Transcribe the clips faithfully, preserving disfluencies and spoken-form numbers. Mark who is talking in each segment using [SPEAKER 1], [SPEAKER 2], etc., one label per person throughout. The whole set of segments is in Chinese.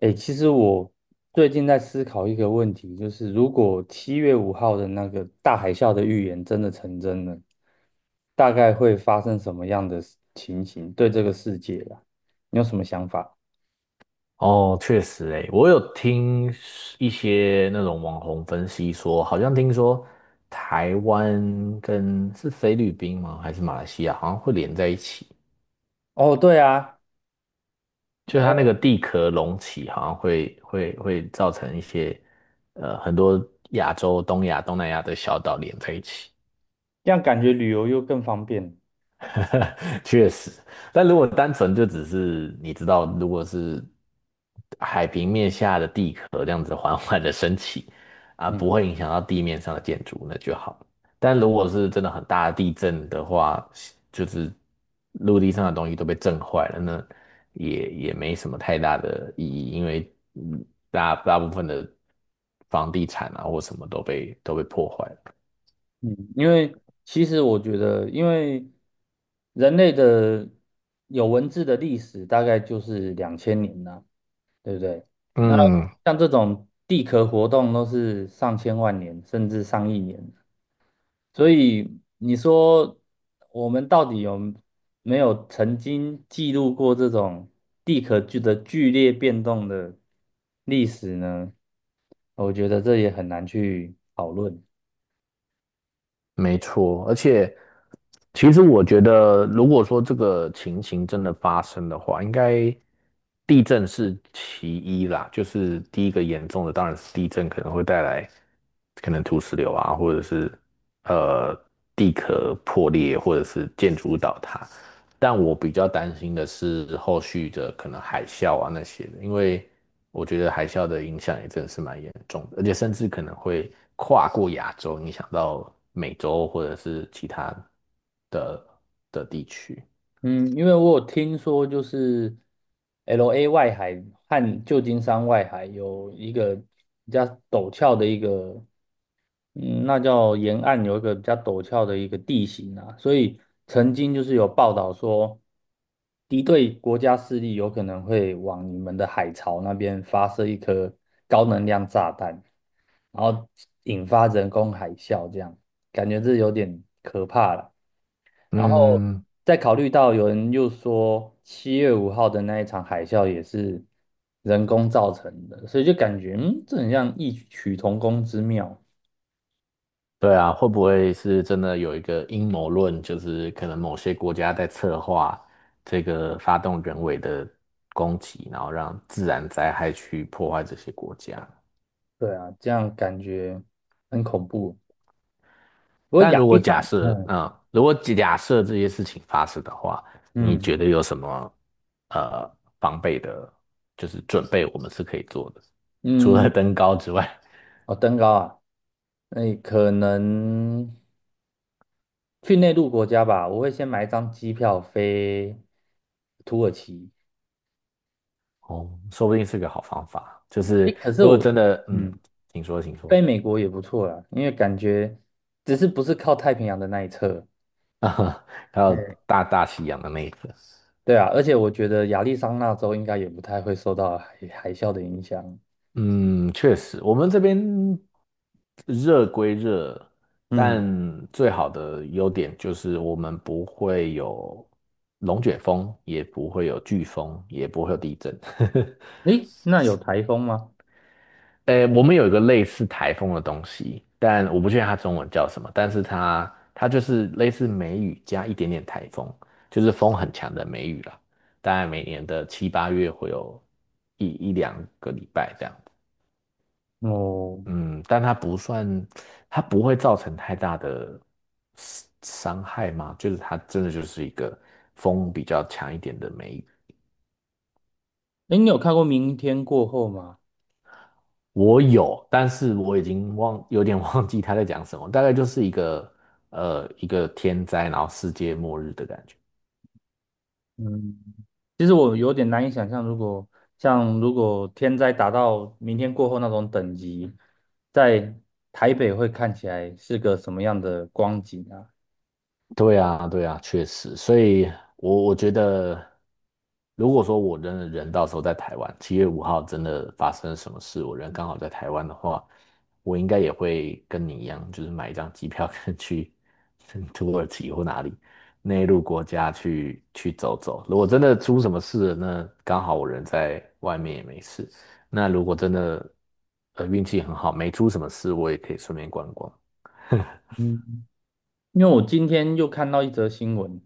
[SPEAKER 1] 诶，其实我最近在思考一个问题，就是如果七月五号的那个大海啸的预言真的成真了，大概会发生什么样的事情形？对这个世界啊，你有什么想法？
[SPEAKER 2] 哦，确实诶，我有听一些那种网红分析说，好像听说台湾跟是菲律宾吗？还是马来西亚，好像会连在一起，
[SPEAKER 1] 哦，对啊，
[SPEAKER 2] 就是它那个地壳隆起，好像会会会造成一些呃很多亚洲、东亚、东南亚的小岛连在一起。
[SPEAKER 1] 这样感觉旅游又更方便。
[SPEAKER 2] 确实，但如果单纯就只是你知道，如果是海平面下的地壳这样子缓缓的升起，啊，不
[SPEAKER 1] 嗯
[SPEAKER 2] 会影响到地面上的建筑，那就好。但如果是真的很大的地震的话，就是陆地上的东西都被震坏了，那也也没什么太大的意义，因为嗯大大部分的房地产啊或什么都被都被破坏了。
[SPEAKER 1] 嗯，因为其实我觉得，因为人类的有文字的历史大概就是两千年呐、对不对？那
[SPEAKER 2] 嗯，
[SPEAKER 1] 像这种地壳活动都是上千万年甚至上亿年，所以你说我们到底有没有曾经记录过这种地壳剧的剧烈变动的历史呢？我觉得这也很难去讨论。
[SPEAKER 2] 没错，而且其实我觉得，如果说这个情形真的发生的话，应该地震是其一啦，就是第一个严重的当然是地震可能会带来可能土石流啊，或者是呃地壳破裂，或者是建筑物倒塌。但我比较担心的是后续的可能海啸啊那些的，因为我觉得海啸的影响也真的是蛮严重的，而且甚至可能会跨过亚洲，影响到美洲或者是其他的的地区。
[SPEAKER 1] 嗯，因为我有听说，就是 L A 外海和旧金山外海有一个比较陡峭的一个嗯，那叫沿岸有一个比较陡峭的一个地形啊，所以曾经就是有报道说，敌对国家势力有可能会往你们的海槽那边发射一颗高能量炸弹，然后引发人工海啸，这样感觉这有点可怕了。然后
[SPEAKER 2] 嗯，
[SPEAKER 1] 再考虑到有人又说七月五号的那一场海啸也是人工造成的，所以就感觉嗯，这很像异曲同工之妙。
[SPEAKER 2] 对啊，会不会是真的有一个阴谋论，就是可能某些国家在策划这个发动人为的攻击，然后让自然灾害去破坏这些国家？
[SPEAKER 1] 对啊，这样感觉很恐怖。不过
[SPEAKER 2] 但
[SPEAKER 1] 亚
[SPEAKER 2] 如果
[SPEAKER 1] 历
[SPEAKER 2] 假
[SPEAKER 1] 山，
[SPEAKER 2] 设，
[SPEAKER 1] 嗯
[SPEAKER 2] 嗯，如果假设这些事情发生的话，你
[SPEAKER 1] 嗯
[SPEAKER 2] 觉得有什么呃防备的，就是准备我们是可以做的，除了
[SPEAKER 1] 嗯，
[SPEAKER 2] 登高之外，
[SPEAKER 1] 哦，登高啊，那可能去内陆国家吧。我会先买一张机票飞土耳其。
[SPEAKER 2] 哦，说不定是个好方法。就
[SPEAKER 1] 诶，
[SPEAKER 2] 是
[SPEAKER 1] 可是
[SPEAKER 2] 如果
[SPEAKER 1] 我，
[SPEAKER 2] 真的，嗯，
[SPEAKER 1] 嗯，
[SPEAKER 2] 请说，请说，
[SPEAKER 1] 飞美国也不错啦，因为感觉只是不是靠太平洋的那一侧。
[SPEAKER 2] 还有
[SPEAKER 1] 哎，
[SPEAKER 2] 大大西洋的那一个。
[SPEAKER 1] 对啊，而且我觉得亚利桑那州应该也不太会受到海海啸的影响。
[SPEAKER 2] 嗯，确实，我们这边热归热，
[SPEAKER 1] 嗯，
[SPEAKER 2] 但最好的优点就是我们不会有龙卷风，也不会有飓风，也不会有地震。
[SPEAKER 1] 诶，那有台风吗？
[SPEAKER 2] 呃，我们有一个类似台风的东西，但我不确定它中文叫什么，但是它它就是类似梅雨加一点点台风，就是风很强的梅雨啦。大概每年的七八月会有一一两个礼拜这样。
[SPEAKER 1] 哦，
[SPEAKER 2] 嗯，但它不算，它不会造成太大的伤伤害吗？就是它真的就是一个风比较强一点的梅雨。
[SPEAKER 1] 哎，你有看过《明天过后》吗？
[SPEAKER 2] 我有，但是我已经忘，有点 忘记他在讲什么，大概就是一个呃一个天灾，然后世界末日的感觉。
[SPEAKER 1] 嗯，其实我有点难以想象，如果像如果天灾达到明天过后那种等级，在台北会看起来是个什么样的光景啊？
[SPEAKER 2] 对啊，对啊，确实，所以我我觉得，如果说我真的人到时候在台湾，七月五号真的发生什么事，我人刚好在台湾的话，我应该也会跟你一样，就是买一张机票跟去 土耳其或哪里内陆国家去去走走。如果真的出什么事了，那刚好我人在外面也没事。那如果真的呃运气很好，没出什么事，我也可以顺便观光。
[SPEAKER 1] 嗯，因为我今天又看到一则新闻，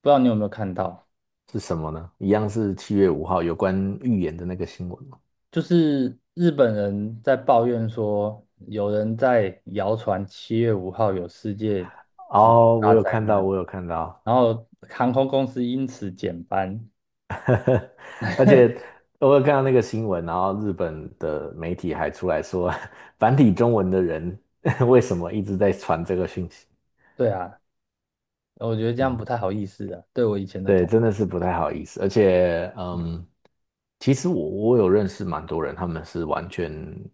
[SPEAKER 1] 不知道你有没有看到，
[SPEAKER 2] 是什么呢？一样是七月五号有关预言的那个新闻吗？
[SPEAKER 1] 就是日本人在抱怨说，有人在谣传七月五号有世界级
[SPEAKER 2] 哦，
[SPEAKER 1] 大
[SPEAKER 2] 我有
[SPEAKER 1] 灾
[SPEAKER 2] 看到，
[SPEAKER 1] 难，
[SPEAKER 2] 我有看到，
[SPEAKER 1] 然后航空公司因此减班。
[SPEAKER 2] 而且我有看到那个新闻，然后日本的媒体还出来说，繁体中文的人 为什么一直在传这个讯息？
[SPEAKER 1] 对啊，我觉得这样不
[SPEAKER 2] 嗯，
[SPEAKER 1] 太好意思啊，对我以前的
[SPEAKER 2] 对，
[SPEAKER 1] 同
[SPEAKER 2] 真
[SPEAKER 1] 事。
[SPEAKER 2] 的是不太好意思，而且，嗯，其实我我有认识蛮多人，他们是完全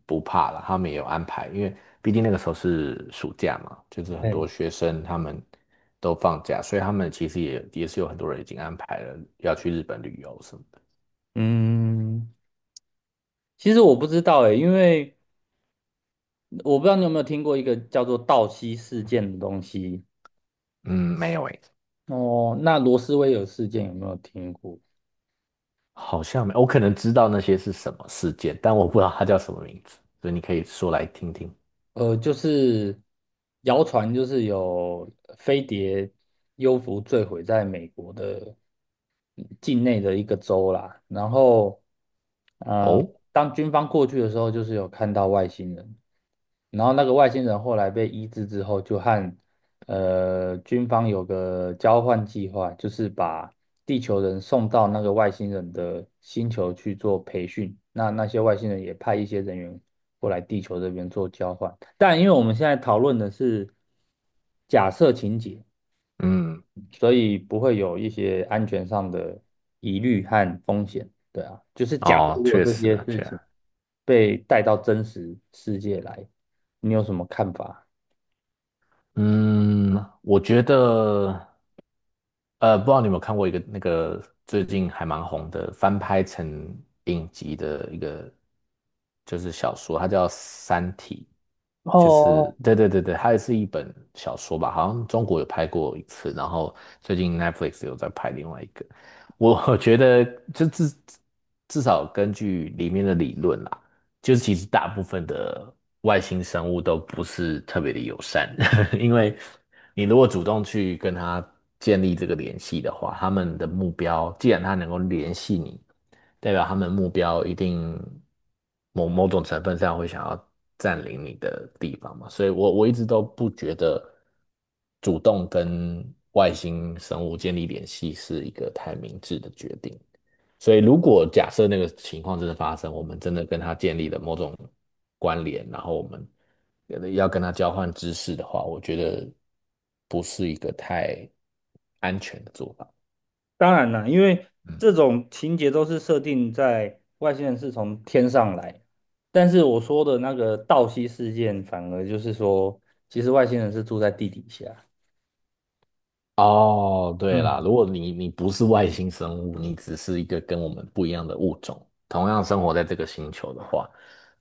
[SPEAKER 2] 不怕了，他们也有安排，因为毕竟那个时候是暑假嘛，就是很
[SPEAKER 1] 哎，
[SPEAKER 2] 多学生他们都放假，所以他们其实也也是有很多人已经安排了要去日本旅游什么的。
[SPEAKER 1] 嗯，其实我不知道哎，因为我不知道你有没有听过一个叫做道西事件的东西。
[SPEAKER 2] 嗯，没有，
[SPEAKER 1] 哦，那罗斯威尔事件有没有听过？
[SPEAKER 2] 好像没我可能知道那些是什么事件，但我不知道它叫什么名字，所以你可以说来听听。
[SPEAKER 1] 呃，就是谣传就是有飞碟幽浮坠毁在美国的境内的一个州啦，然后呃，
[SPEAKER 2] 哦，
[SPEAKER 1] 当军方过去的时候，就是有看到外星人。然后那个外星人后来被医治之后，就和呃军方有个交换计划，就是把地球人送到那个外星人的星球去做培训。那那些外星人也派一些人员过来地球这边做交换。但因为我们现在讨论的是假设情节，
[SPEAKER 2] 嗯，
[SPEAKER 1] 所以不会有一些安全上的疑虑和风险。对啊，就是假设
[SPEAKER 2] 哦，
[SPEAKER 1] 如果
[SPEAKER 2] 确
[SPEAKER 1] 这
[SPEAKER 2] 实
[SPEAKER 1] 些
[SPEAKER 2] 啊，
[SPEAKER 1] 事
[SPEAKER 2] 确
[SPEAKER 1] 情
[SPEAKER 2] 实。
[SPEAKER 1] 被带到真实世界来，你有什么看法？
[SPEAKER 2] 嗯，我觉得，呃，不知道你有没有看过一个那个最近还蛮红的翻拍成影集的一个，就是小说，它叫《三体》，就是
[SPEAKER 1] 哦，
[SPEAKER 2] 对对对对，它也是一本小说吧，好像中国有拍过一次，然后最近 Netflix 有在拍另外一个，我 我觉得就至至少根据里面的理论啦。就是其实大部分的外星生物都不是特别的友善，因为你如果主动去跟它建立这个联系的话，他们的目标，既然它能够联系你，代表他们目标一定某某种成分上会想要占领你的地方嘛，所以我我一直都不觉得主动跟外星生物建立联系是一个太明智的决定。所以，如果假设那个情况真的发生，我们真的跟他建立了某种关联，然后我们呃要跟他交换知识的话，我觉得不是一个太安全的做法。
[SPEAKER 1] 当然了，因为
[SPEAKER 2] 嗯，
[SPEAKER 1] 这种情节都是设定在外星人是从天上来，但是我说的那个道西事件，反而就是说，其实外星人是住在地底下。
[SPEAKER 2] 哦，对啦，
[SPEAKER 1] 嗯。
[SPEAKER 2] 如果你你不是外星生物，你只是一个跟我们不一样的物种，同样生活在这个星球的话，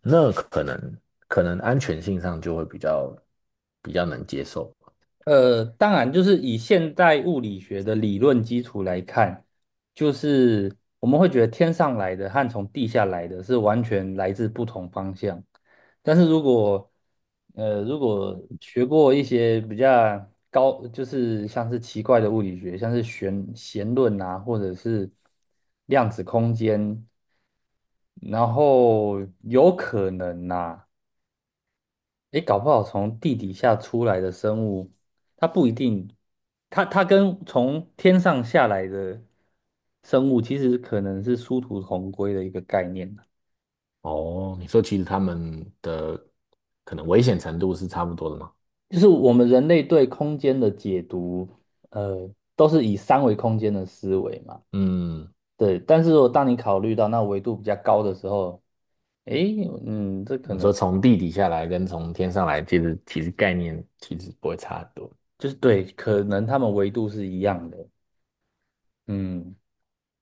[SPEAKER 2] 那可能可能安全性上就会比较比较能接受。
[SPEAKER 1] 呃，当然，就是以现代物理学的理论基础来看，就是我们会觉得天上来的和从地下来的是完全来自不同方向。但是如果呃，如果学过一些比较高，就是像是奇怪的物理学，像是弦弦论啊，或者是量子空间，然后有可能呐、诶，搞不好从地底下出来的生物，它不一定，它它跟从天上下来的生物，其实可能是殊途同归的一个概念啊
[SPEAKER 2] 哦，你说其实他们的可能危险程度是差不多的吗？
[SPEAKER 1] 就是我们人类对空间的解读，呃，都是以三维空间的思维嘛。
[SPEAKER 2] 嗯，
[SPEAKER 1] 对，但是如果当你考虑到那维度比较高的时候，诶，嗯，这可
[SPEAKER 2] 你
[SPEAKER 1] 能
[SPEAKER 2] 说从地底下来跟从天上来，其实其实概念其实不会差很多。
[SPEAKER 1] 就是对，可能他们维度是一样的，嗯。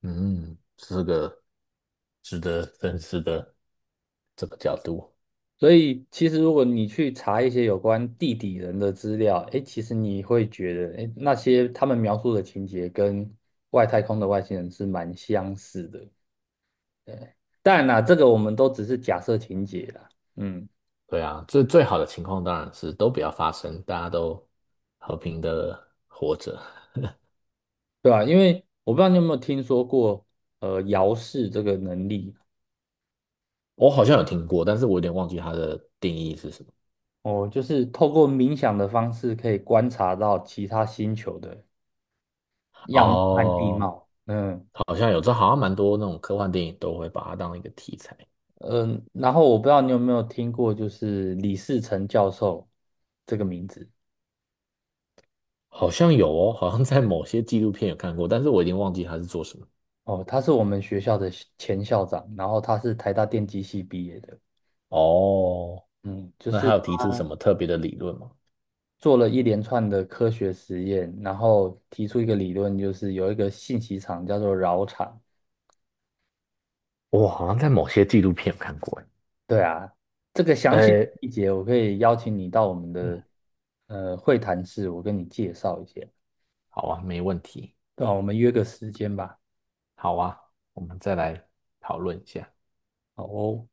[SPEAKER 2] 嗯，是个值得深思的这个角度。
[SPEAKER 1] 所以其实如果你去查一些有关地底人的资料，诶，其实你会觉得，诶，那些他们描述的情节跟外太空的外星人是蛮相似的。当然啦，这个我们都只是假设情节啦，嗯，
[SPEAKER 2] 对啊，最最好的情况当然是都不要发生，大家都和平的活着。
[SPEAKER 1] 对吧？因为我不知道你有没有听说过，呃，遥视这个能力
[SPEAKER 2] 我好像有听过，但是我有点忘记它的定义是什么。
[SPEAKER 1] 哦，就是透过冥想的方式可以观察到其他星球的样貌和地
[SPEAKER 2] 哦，
[SPEAKER 1] 貌，嗯。
[SPEAKER 2] 好像有，这好像蛮多那种科幻电影都会把它当一个题材。
[SPEAKER 1] 嗯，然后我不知道你有没有听过，就是李士成教授这个名字
[SPEAKER 2] 好像有哦，好像在某些纪录片有看过，但是我已经忘记他是做什么。
[SPEAKER 1] 哦，他是我们学校的校前校长，然后他是台大电机系毕业的，
[SPEAKER 2] 哦，
[SPEAKER 1] 嗯，就
[SPEAKER 2] 那
[SPEAKER 1] 是
[SPEAKER 2] 他有提出什
[SPEAKER 1] 他
[SPEAKER 2] 么特别的理论吗？
[SPEAKER 1] 做了一连串的科学实验，然后提出一个理论，就是有一个信息场叫做饶场，
[SPEAKER 2] 我好像在某些纪录片有看过。
[SPEAKER 1] 对啊，这个详细
[SPEAKER 2] 哎，
[SPEAKER 1] 细节我可以邀请你到我们的
[SPEAKER 2] 哎，
[SPEAKER 1] 呃会谈室，我跟你介绍一下，
[SPEAKER 2] 好啊，没问题。
[SPEAKER 1] 对啊，我们约个时间吧，
[SPEAKER 2] 好啊，我们再来讨论一下。
[SPEAKER 1] 好哦。